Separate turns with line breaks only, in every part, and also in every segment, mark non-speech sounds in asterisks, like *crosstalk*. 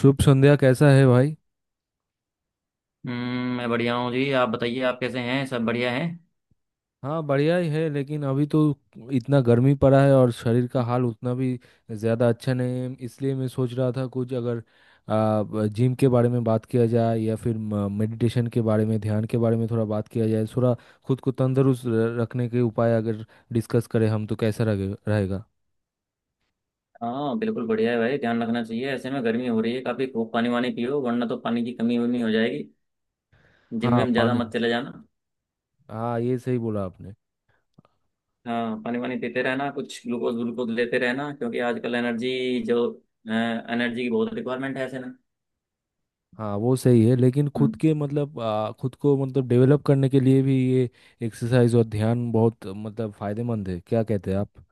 शुभ संध्या। कैसा है भाई?
मैं बढ़िया हूँ जी। आप बताइए, आप कैसे हैं? सब बढ़िया हैं?
हाँ, बढ़िया ही है, लेकिन अभी तो इतना गर्मी पड़ा है और शरीर का हाल उतना भी ज़्यादा अच्छा नहीं है। इसलिए मैं सोच रहा था कुछ अगर जिम के बारे में बात किया जाए या फिर मेडिटेशन के बारे में, ध्यान के बारे में थोड़ा बात किया जाए। थोड़ा खुद को तंदुरुस्त रखने के उपाय अगर डिस्कस करें हम तो कैसा रहेगा?
हाँ बिल्कुल बढ़िया है भाई। ध्यान रखना चाहिए, ऐसे में गर्मी हो रही है काफी। खूब पानी वानी पियो, वरना तो पानी की कमी वमी हो जाएगी। जिम
हाँ,
विम ज्यादा
पानी।
मत चले जाना।
हाँ, ये सही बोला आपने।
हाँ पानी वानी पीते रहना, कुछ ग्लूकोज ग्लूकोज लेते रहना, क्योंकि आजकल एनर्जी जो एनर्जी की बहुत रिक्वायरमेंट है ऐसे में।
हाँ, वो सही है, लेकिन खुद
हम्म।
के मतलब खुद को मतलब डेवलप करने के लिए भी ये एक्सरसाइज और ध्यान बहुत मतलब फायदेमंद है। क्या कहते हैं आप?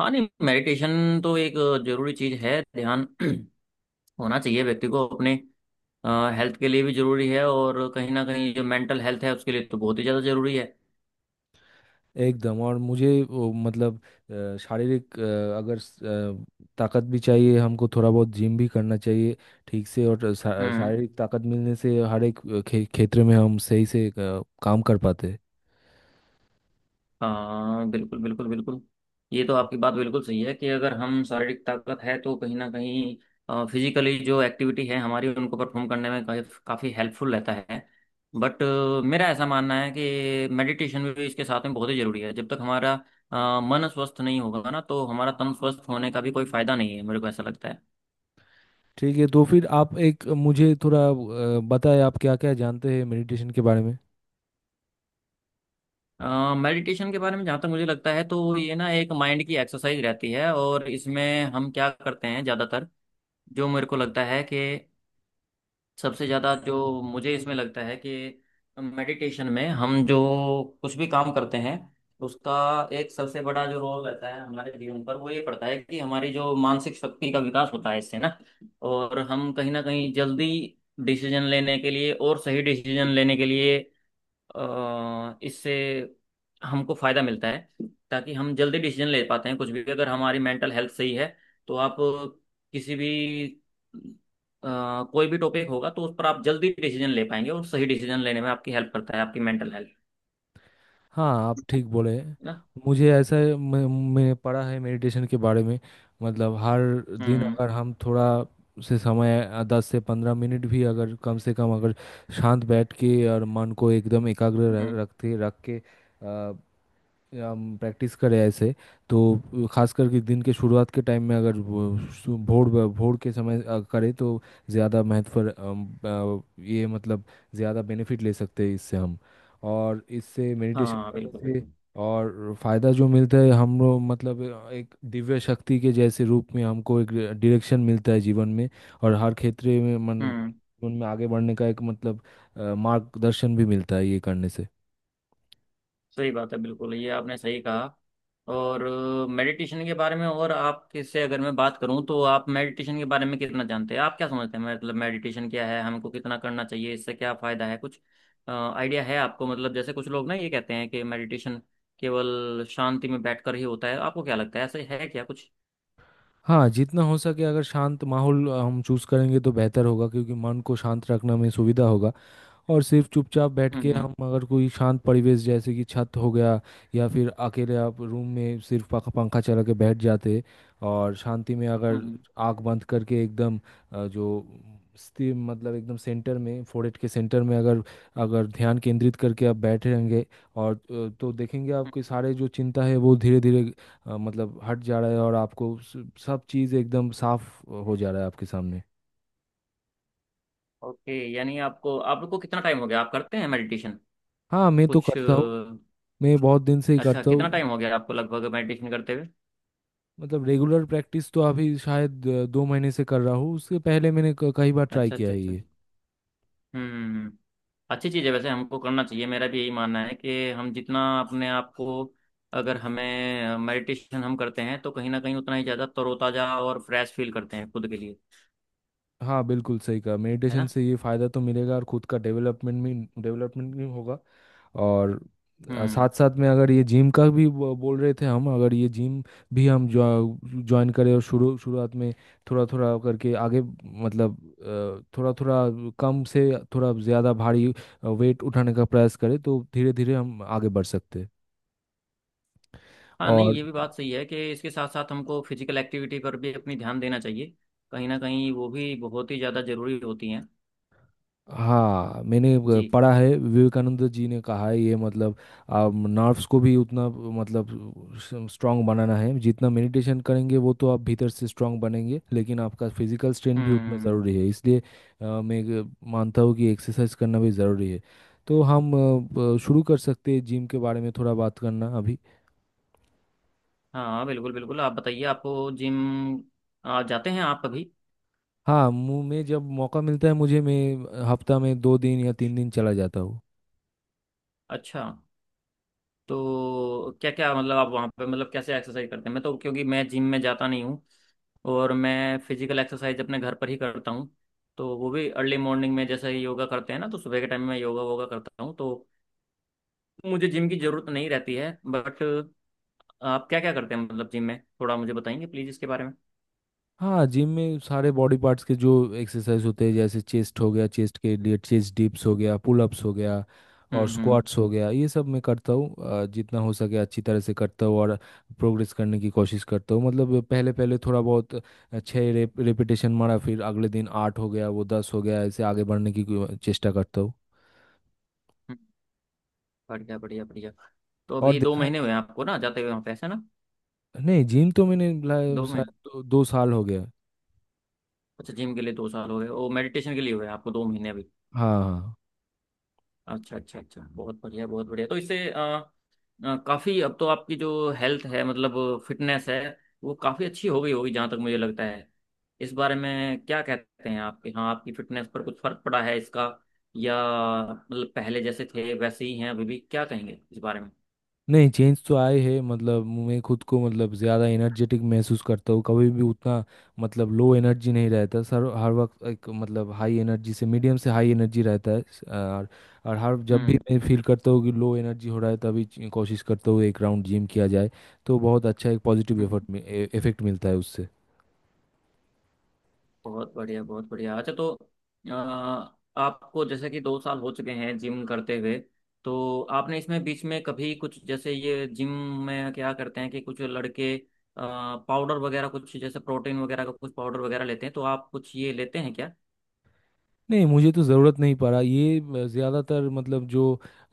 हाँ नहीं, मेडिटेशन तो एक जरूरी चीज़ है। ध्यान *clears throat* होना चाहिए व्यक्ति को। अपने हेल्थ के लिए भी जरूरी है, और कहीं ना कहीं जो मेंटल हेल्थ है उसके लिए तो बहुत ही ज़्यादा जरूरी है।
एकदम। और मुझे मतलब शारीरिक अगर ताकत भी चाहिए हमको, थोड़ा बहुत जिम भी करना चाहिए ठीक से। और
हम्म।
शारीरिक ताकत मिलने से हर एक क्षेत्र में हम सही से काम कर पाते हैं।
हाँ बिल्कुल बिल्कुल बिल्कुल। ये तो आपकी बात बिल्कुल सही है कि अगर हम शारीरिक ताकत है तो कहीं ना कहीं फिजिकली जो एक्टिविटी है हमारी उनको परफॉर्म करने में काफ़ी काफ़ी हेल्पफुल रहता है। बट मेरा ऐसा मानना है कि मेडिटेशन भी इसके साथ में बहुत ही ज़रूरी है। जब तक हमारा मन स्वस्थ नहीं होगा ना, तो हमारा तन स्वस्थ होने का भी कोई फ़ायदा नहीं है, मेरे को ऐसा लगता है।
ठीक है, तो फिर आप एक मुझे थोड़ा बताएं, आप क्या क्या जानते हैं मेडिटेशन के बारे में?
मेडिटेशन के बारे में जहाँ तक मुझे लगता है, तो ये ना एक माइंड की एक्सरसाइज रहती है, और इसमें हम क्या करते हैं ज़्यादातर, जो मेरे को लगता है कि सबसे ज़्यादा जो मुझे इसमें लगता है कि मेडिटेशन में हम जो कुछ भी काम करते हैं उसका एक सबसे बड़ा जो रोल रहता है हमारे जीवन पर, वो ये पड़ता है कि हमारी जो मानसिक शक्ति का विकास होता है इससे ना। और हम कहीं ना कहीं जल्दी डिसीजन लेने के लिए और सही डिसीजन लेने के लिए, इससे हमको फायदा मिलता है, ताकि हम जल्दी डिसीजन ले पाते हैं। कुछ भी, अगर हमारी मेंटल हेल्थ सही है तो आप किसी भी, अ, कोई भी टॉपिक होगा तो उस पर आप जल्दी डिसीजन ले पाएंगे, और सही डिसीजन लेने में आपकी हेल्प करता है आपकी मेंटल हेल्थ, है
हाँ, आप ठीक बोले।
ना।
मुझे ऐसा है, मैं पढ़ा है मेडिटेशन के बारे में। मतलब हर दिन
हम्म।
अगर हम थोड़ा से समय 10 से 15 मिनट भी अगर कम से कम अगर शांत बैठ के और मन को एकदम एकाग्र रख-
हम्म।
रखते रख के अ, हम प्रैक्टिस करें ऐसे, तो खास करके दिन के शुरुआत के टाइम में अगर वो भोर भोर के समय करें तो ज़्यादा महत्व ये मतलब ज़्यादा बेनिफिट ले सकते हैं इससे हम। और इससे मेडिटेशन
हाँ बिल्कुल
करने से
बिल्कुल।
और फायदा जो मिलता है, हम लोग मतलब एक दिव्य शक्ति के जैसे रूप में हमको एक डायरेक्शन मिलता है जीवन में। और हर क्षेत्र में मन,
हम्म।
जीवन में आगे बढ़ने का एक मतलब मार्गदर्शन भी मिलता है ये करने से।
सही बात है, बिल्कुल ये आपने सही कहा। और मेडिटेशन के बारे में और आपके से अगर मैं बात करूं, तो आप मेडिटेशन के बारे में कितना जानते हैं? आप क्या समझते हैं, मतलब मेडिटेशन क्या है? हमको कितना करना चाहिए? इससे क्या फायदा है? कुछ आइडिया है आपको? मतलब जैसे कुछ लोग ना ये कहते हैं कि मेडिटेशन केवल शांति में बैठकर ही होता है, आपको क्या लगता है, ऐसे है क्या कुछ?
हाँ, जितना हो सके अगर शांत माहौल हम चूज करेंगे तो बेहतर होगा, क्योंकि मन को शांत रखने में सुविधा होगा और सिर्फ चुपचाप बैठ के
हम्म।
हम अगर कोई शांत परिवेश, जैसे कि छत हो गया या फिर अकेले आप रूम में सिर्फ पंखा पंखा चला के बैठ जाते और शांति में अगर
हम्म।
आंख बंद करके एकदम जो स्थिर मतलब एकदम सेंटर में, फोrehead के सेंटर में अगर अगर ध्यान केंद्रित करके आप बैठे रहेंगे और तो देखेंगे
हम्म।
आपके सारे जो चिंता है वो धीरे धीरे मतलब हट जा रहा है, और आपको सब चीज़ एकदम साफ हो जा रहा है आपके सामने।
ओके, यानी आपको, आपको कितना टाइम हो गया आप करते हैं मेडिटेशन?
हाँ, मैं तो
कुछ
करता हूँ। मैं बहुत दिन से ही
अच्छा,
करता
कितना
हूँ।
टाइम हो गया आपको लगभग मेडिटेशन करते हुए?
मतलब रेगुलर प्रैक्टिस तो अभी शायद 2 महीने से कर रहा हूँ। उसके पहले मैंने कई बार ट्राई
अच्छा
किया
अच्छा
है
अच्छा।
ये।
हम्म। अच्छी चीज़ है, वैसे हमको करना चाहिए। मेरा भी यही मानना है कि हम जितना अपने आप को, अगर हमें मेडिटेशन हम करते हैं, तो कहीं ना कहीं उतना ही ज़्यादा तरोताज़ा और फ्रेश फील करते हैं खुद के लिए,
हाँ बिल्कुल सही कहा,
है
मेडिटेशन
ना।
से ये फ़ायदा तो मिलेगा और खुद का डेवलपमेंट में डेवलपमेंट भी होगा। और साथ
हम्म।
साथ में अगर ये जिम का भी बोल रहे थे, हम अगर ये जिम भी हम ज्वाइन करें, और शुरू शुरुआत में थोड़ा थोड़ा करके आगे मतलब थोड़ा थोड़ा कम से थोड़ा ज़्यादा भारी वेट उठाने का प्रयास करें तो धीरे धीरे हम आगे बढ़ सकते हैं।
हाँ नहीं,
और
ये भी बात सही है कि इसके साथ साथ हमको फिजिकल एक्टिविटी पर भी अपनी ध्यान देना चाहिए। कहीं ना कहीं वो भी बहुत ही ज़्यादा ज़रूरी होती हैं।
हाँ, मैंने
जी।
पढ़ा है, विवेकानंद जी ने कहा है ये मतलब नर्व्स को भी उतना मतलब स्ट्रांग बनाना है। जितना मेडिटेशन करेंगे वो तो आप भीतर से स्ट्रांग बनेंगे, लेकिन आपका फिजिकल स्ट्रेंथ भी उतना
हम्म।
ज़रूरी है। इसलिए मैं एक मानता हूँ कि एक्सरसाइज करना भी ज़रूरी है। तो हम शुरू कर सकते हैं जिम के बारे में थोड़ा बात करना अभी।
हाँ बिल्कुल बिल्कुल, आप बताइए, आपको जिम, जाते हैं आप अभी?
हाँ, मैं जब मौका मिलता है मुझे, मैं हफ्ता में 2 दिन या 3 दिन चला जाता हूँ।
अच्छा, तो क्या क्या, मतलब आप वहाँ पे, मतलब कैसे एक्सरसाइज करते हैं? मैं तो, क्योंकि मैं जिम में जाता नहीं हूँ, और मैं फिजिकल एक्सरसाइज अपने घर पर ही करता हूँ। तो वो भी अर्ली मॉर्निंग में, जैसे ही योगा करते हैं ना, तो सुबह के टाइम में मैं योगा वोगा करता हूँ, तो मुझे जिम की ज़रूरत नहीं रहती है। बट आप क्या क्या करते हैं मतलब जिम में, थोड़ा मुझे बताएंगे प्लीज़ इसके बारे में।
हाँ, जिम में सारे बॉडी पार्ट्स के जो एक्सरसाइज होते हैं, जैसे चेस्ट हो गया, चेस्ट के लिए चेस्ट डिप्स हो गया, पुल अप्स हो गया, और
हम्म। हम्म।
स्क्वाट्स हो गया, ये सब मैं करता हूँ। जितना हो सके अच्छी तरह से करता हूँ और प्रोग्रेस करने की कोशिश करता हूँ। मतलब पहले पहले थोड़ा बहुत 6 रेपिटेशन मारा, फिर अगले दिन 8 हो गया, वो 10 हो गया, ऐसे आगे बढ़ने की चेष्टा करता हूँ।
हम्म, बढ़िया बढ़िया बढ़िया। तो
और
अभी दो
देखा,
महीने हुए हैं आपको ना जाते हुए वहाँ पे, ऐसा ना?
नहीं जिम तो मैंने
2 महीने?
शायद दो साल हो गया।
अच्छा, जिम के लिए 2 साल हो गए और मेडिटेशन के लिए हुए हैं आपको 2 महीने अभी।
हाँ हाँ।
अच्छा अच्छा अच्छा, बहुत बढ़िया बहुत बढ़िया। तो इससे काफी अब तो आपकी जो हेल्थ है, मतलब फिटनेस है, वो काफी अच्छी हो गई होगी जहां तक मुझे लगता है। इस बारे में क्या कहते हैं आपके, हाँ, आपकी फिटनेस पर कुछ फर्क पड़ा है इसका या मतलब पहले जैसे थे वैसे ही हैं अभी भी, क्या कहेंगे इस बारे में?
नहीं, चेंज तो आए हैं, मतलब मैं खुद को मतलब ज़्यादा एनर्जेटिक महसूस करता हूँ। कभी भी उतना मतलब लो एनर्जी नहीं रहता सर। हर वक्त एक मतलब हाई एनर्जी से मीडियम से हाई एनर्जी रहता है। और हर जब भी
हम्म।
मैं फील करता हूँ कि लो एनर्जी हो रहा है तभी कोशिश करता हूँ एक राउंड जिम किया जाए, तो बहुत अच्छा एक पॉजिटिव
हम्म।
एफर्ट इफेक्ट मिलता है उससे।
बहुत बढ़िया बहुत बढ़िया। अच्छा, तो अ, आपको जैसे कि 2 साल हो चुके हैं जिम करते हुए, तो आपने इसमें बीच में कभी कुछ, जैसे ये जिम में क्या करते हैं कि कुछ लड़के पाउडर वगैरह कुछ, जैसे प्रोटीन वगैरह का कुछ पाउडर वगैरह लेते हैं, तो आप कुछ ये लेते हैं क्या?
नहीं, मुझे तो ज़रूरत नहीं पड़ा ये। ज़्यादातर मतलब जो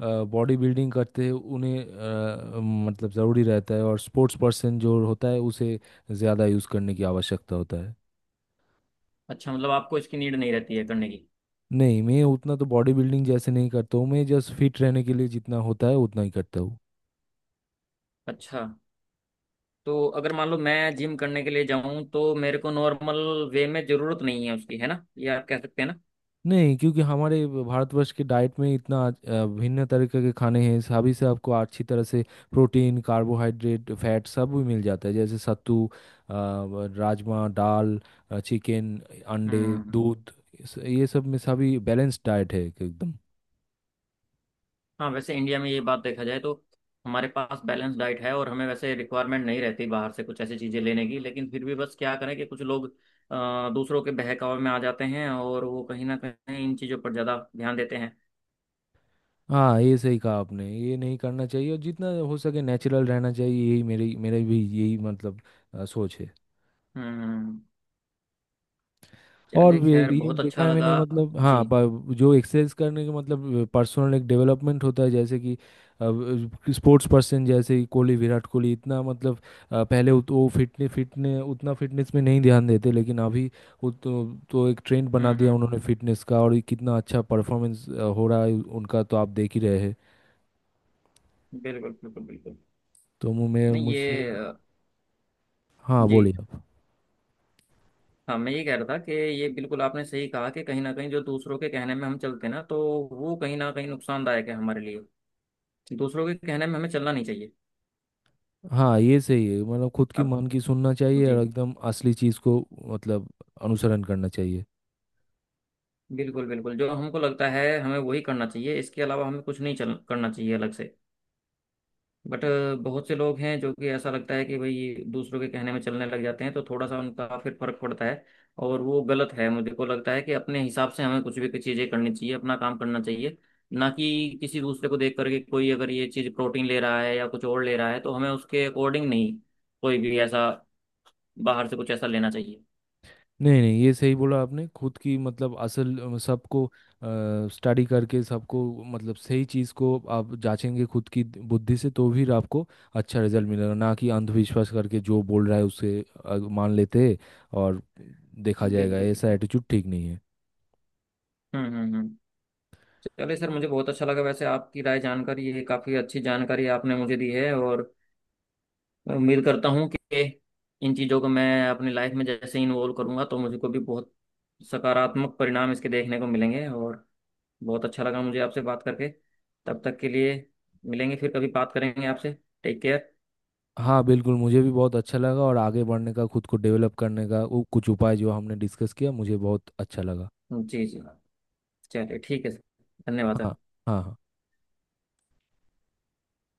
बॉडी बिल्डिंग करते हैं उन्हें मतलब ज़रूरी रहता है, और स्पोर्ट्स पर्सन जो होता है उसे ज़्यादा यूज़ करने की आवश्यकता होता है।
अच्छा, मतलब आपको इसकी नीड नहीं रहती है करने की।
नहीं, मैं उतना तो बॉडी बिल्डिंग जैसे नहीं करता हूँ। मैं जस्ट फिट रहने के लिए जितना होता है उतना ही करता हूँ।
अच्छा, तो अगर मान लो मैं जिम करने के लिए जाऊं, तो मेरे को नॉर्मल वे में जरूरत नहीं है उसकी, है ना, ये आप कह सकते हैं ना।
नहीं, क्योंकि हमारे भारतवर्ष के डाइट में इतना भिन्न तरीके के खाने हैं, सभी से आपको अच्छी तरह से प्रोटीन, कार्बोहाइड्रेट, फैट सब भी मिल जाता है। जैसे सत्तू, राजमा, दाल, चिकन, अंडे,
हम्म।
दूध, ये सब में सभी बैलेंस डाइट है एक- एकदम।
हाँ वैसे इंडिया में ये बात देखा जाए, तो हमारे पास बैलेंस डाइट है, और हमें वैसे रिक्वायरमेंट नहीं रहती बाहर से कुछ ऐसी चीज़ें लेने की। लेकिन फिर भी बस क्या करें कि कुछ लोग दूसरों के बहकावे में आ जाते हैं, और वो कहीं ना कहीं इन चीज़ों पर ज़्यादा ध्यान देते हैं।
हाँ, ये सही कहा आपने, ये नहीं करना चाहिए। और जितना हो सके नेचुरल रहना चाहिए, यही मेरी मेरे भी यही मतलब सोच है।
हम्म।
और
चलिए खैर,
ये
बहुत
देखा
अच्छा
है
लगा।
मैंने मतलब, हाँ,
जी।
जो एक्सरसाइज करने के मतलब पर्सनल एक डेवलपमेंट होता है, जैसे कि स्पोर्ट्स पर्सन जैसे कि कोहली, विराट कोहली, इतना मतलब पहले वो फिटने फिटने उतना फिटनेस में नहीं ध्यान देते, लेकिन अभी वो तो एक ट्रेंड
हम्म।
बना दिया
हम्म।
उन्होंने फिटनेस का, और ये कितना अच्छा परफॉर्मेंस हो रहा है उनका तो आप देख ही रहे हैं।
बिल्कुल बिल्कुल बिल्कुल।
तो मु- मैं
नहीं ये
मुझसे
अ,
हाँ, बोलिए
जी,
आप।
हाँ मैं ये कह रहा था कि ये बिल्कुल आपने सही कहा कि कहीं ना कहीं जो दूसरों के कहने में हम चलते हैं ना, तो वो कहीं ना कहीं नुकसानदायक है हमारे लिए। दूसरों के कहने में हमें चलना नहीं चाहिए।
हाँ, ये सही है, मतलब खुद की
अब
मन की सुनना चाहिए, और
जी,
एकदम असली चीज़ को मतलब अनुसरण करना चाहिए।
बिल्कुल बिल्कुल। जो हमको लगता है हमें वही करना चाहिए, इसके अलावा हमें कुछ नहीं चल करना चाहिए अलग से। बट बहुत से लोग हैं जो कि ऐसा लगता है कि भाई दूसरों के कहने में चलने लग जाते हैं, तो थोड़ा सा उनका फिर फर्क पड़ता है, और वो गलत है। मुझे को लगता है कि अपने हिसाब से हमें कुछ भी चीज़ें करनी चाहिए, अपना काम करना चाहिए। ना कि किसी दूसरे को देख करके, कोई अगर ये चीज़ प्रोटीन ले रहा है या कुछ और ले रहा है, तो हमें उसके अकॉर्डिंग नहीं कोई भी ऐसा बाहर से कुछ ऐसा लेना चाहिए।
नहीं नहीं, ये सही बोला आपने, खुद की मतलब असल सबको स्टडी करके, सबको मतलब सही चीज़ को आप जांचेंगे खुद की बुद्धि से, तो भी आपको अच्छा रिजल्ट मिलेगा, ना कि अंधविश्वास करके जो बोल रहा है उसे मान लेते हैं, और देखा जाएगा।
बिल्कुल
ऐसा
बिल्कुल।
एटीट्यूड ठीक नहीं है।
हम्म। हम्म। हम्म। चलिए सर, मुझे बहुत अच्छा लगा वैसे आपकी राय जानकर। ये काफ़ी अच्छी जानकारी आपने मुझे दी है, और उम्मीद करता हूँ कि इन चीज़ों को मैं अपनी लाइफ में जैसे इन्वॉल्व करूँगा, तो मुझे को भी बहुत सकारात्मक परिणाम इसके देखने को मिलेंगे। और बहुत अच्छा लगा मुझे आपसे बात करके। तब तक के लिए, मिलेंगे, फिर कभी बात करेंगे आपसे। Take care.
हाँ बिल्कुल, मुझे भी बहुत अच्छा लगा, और आगे बढ़ने का, खुद को डेवलप करने का वो कुछ उपाय जो हमने डिस्कस किया, मुझे बहुत अच्छा लगा।
जी जी, चलिए ठीक है सर। धन्यवाद
हाँ, हाँ,
सर।
हाँ।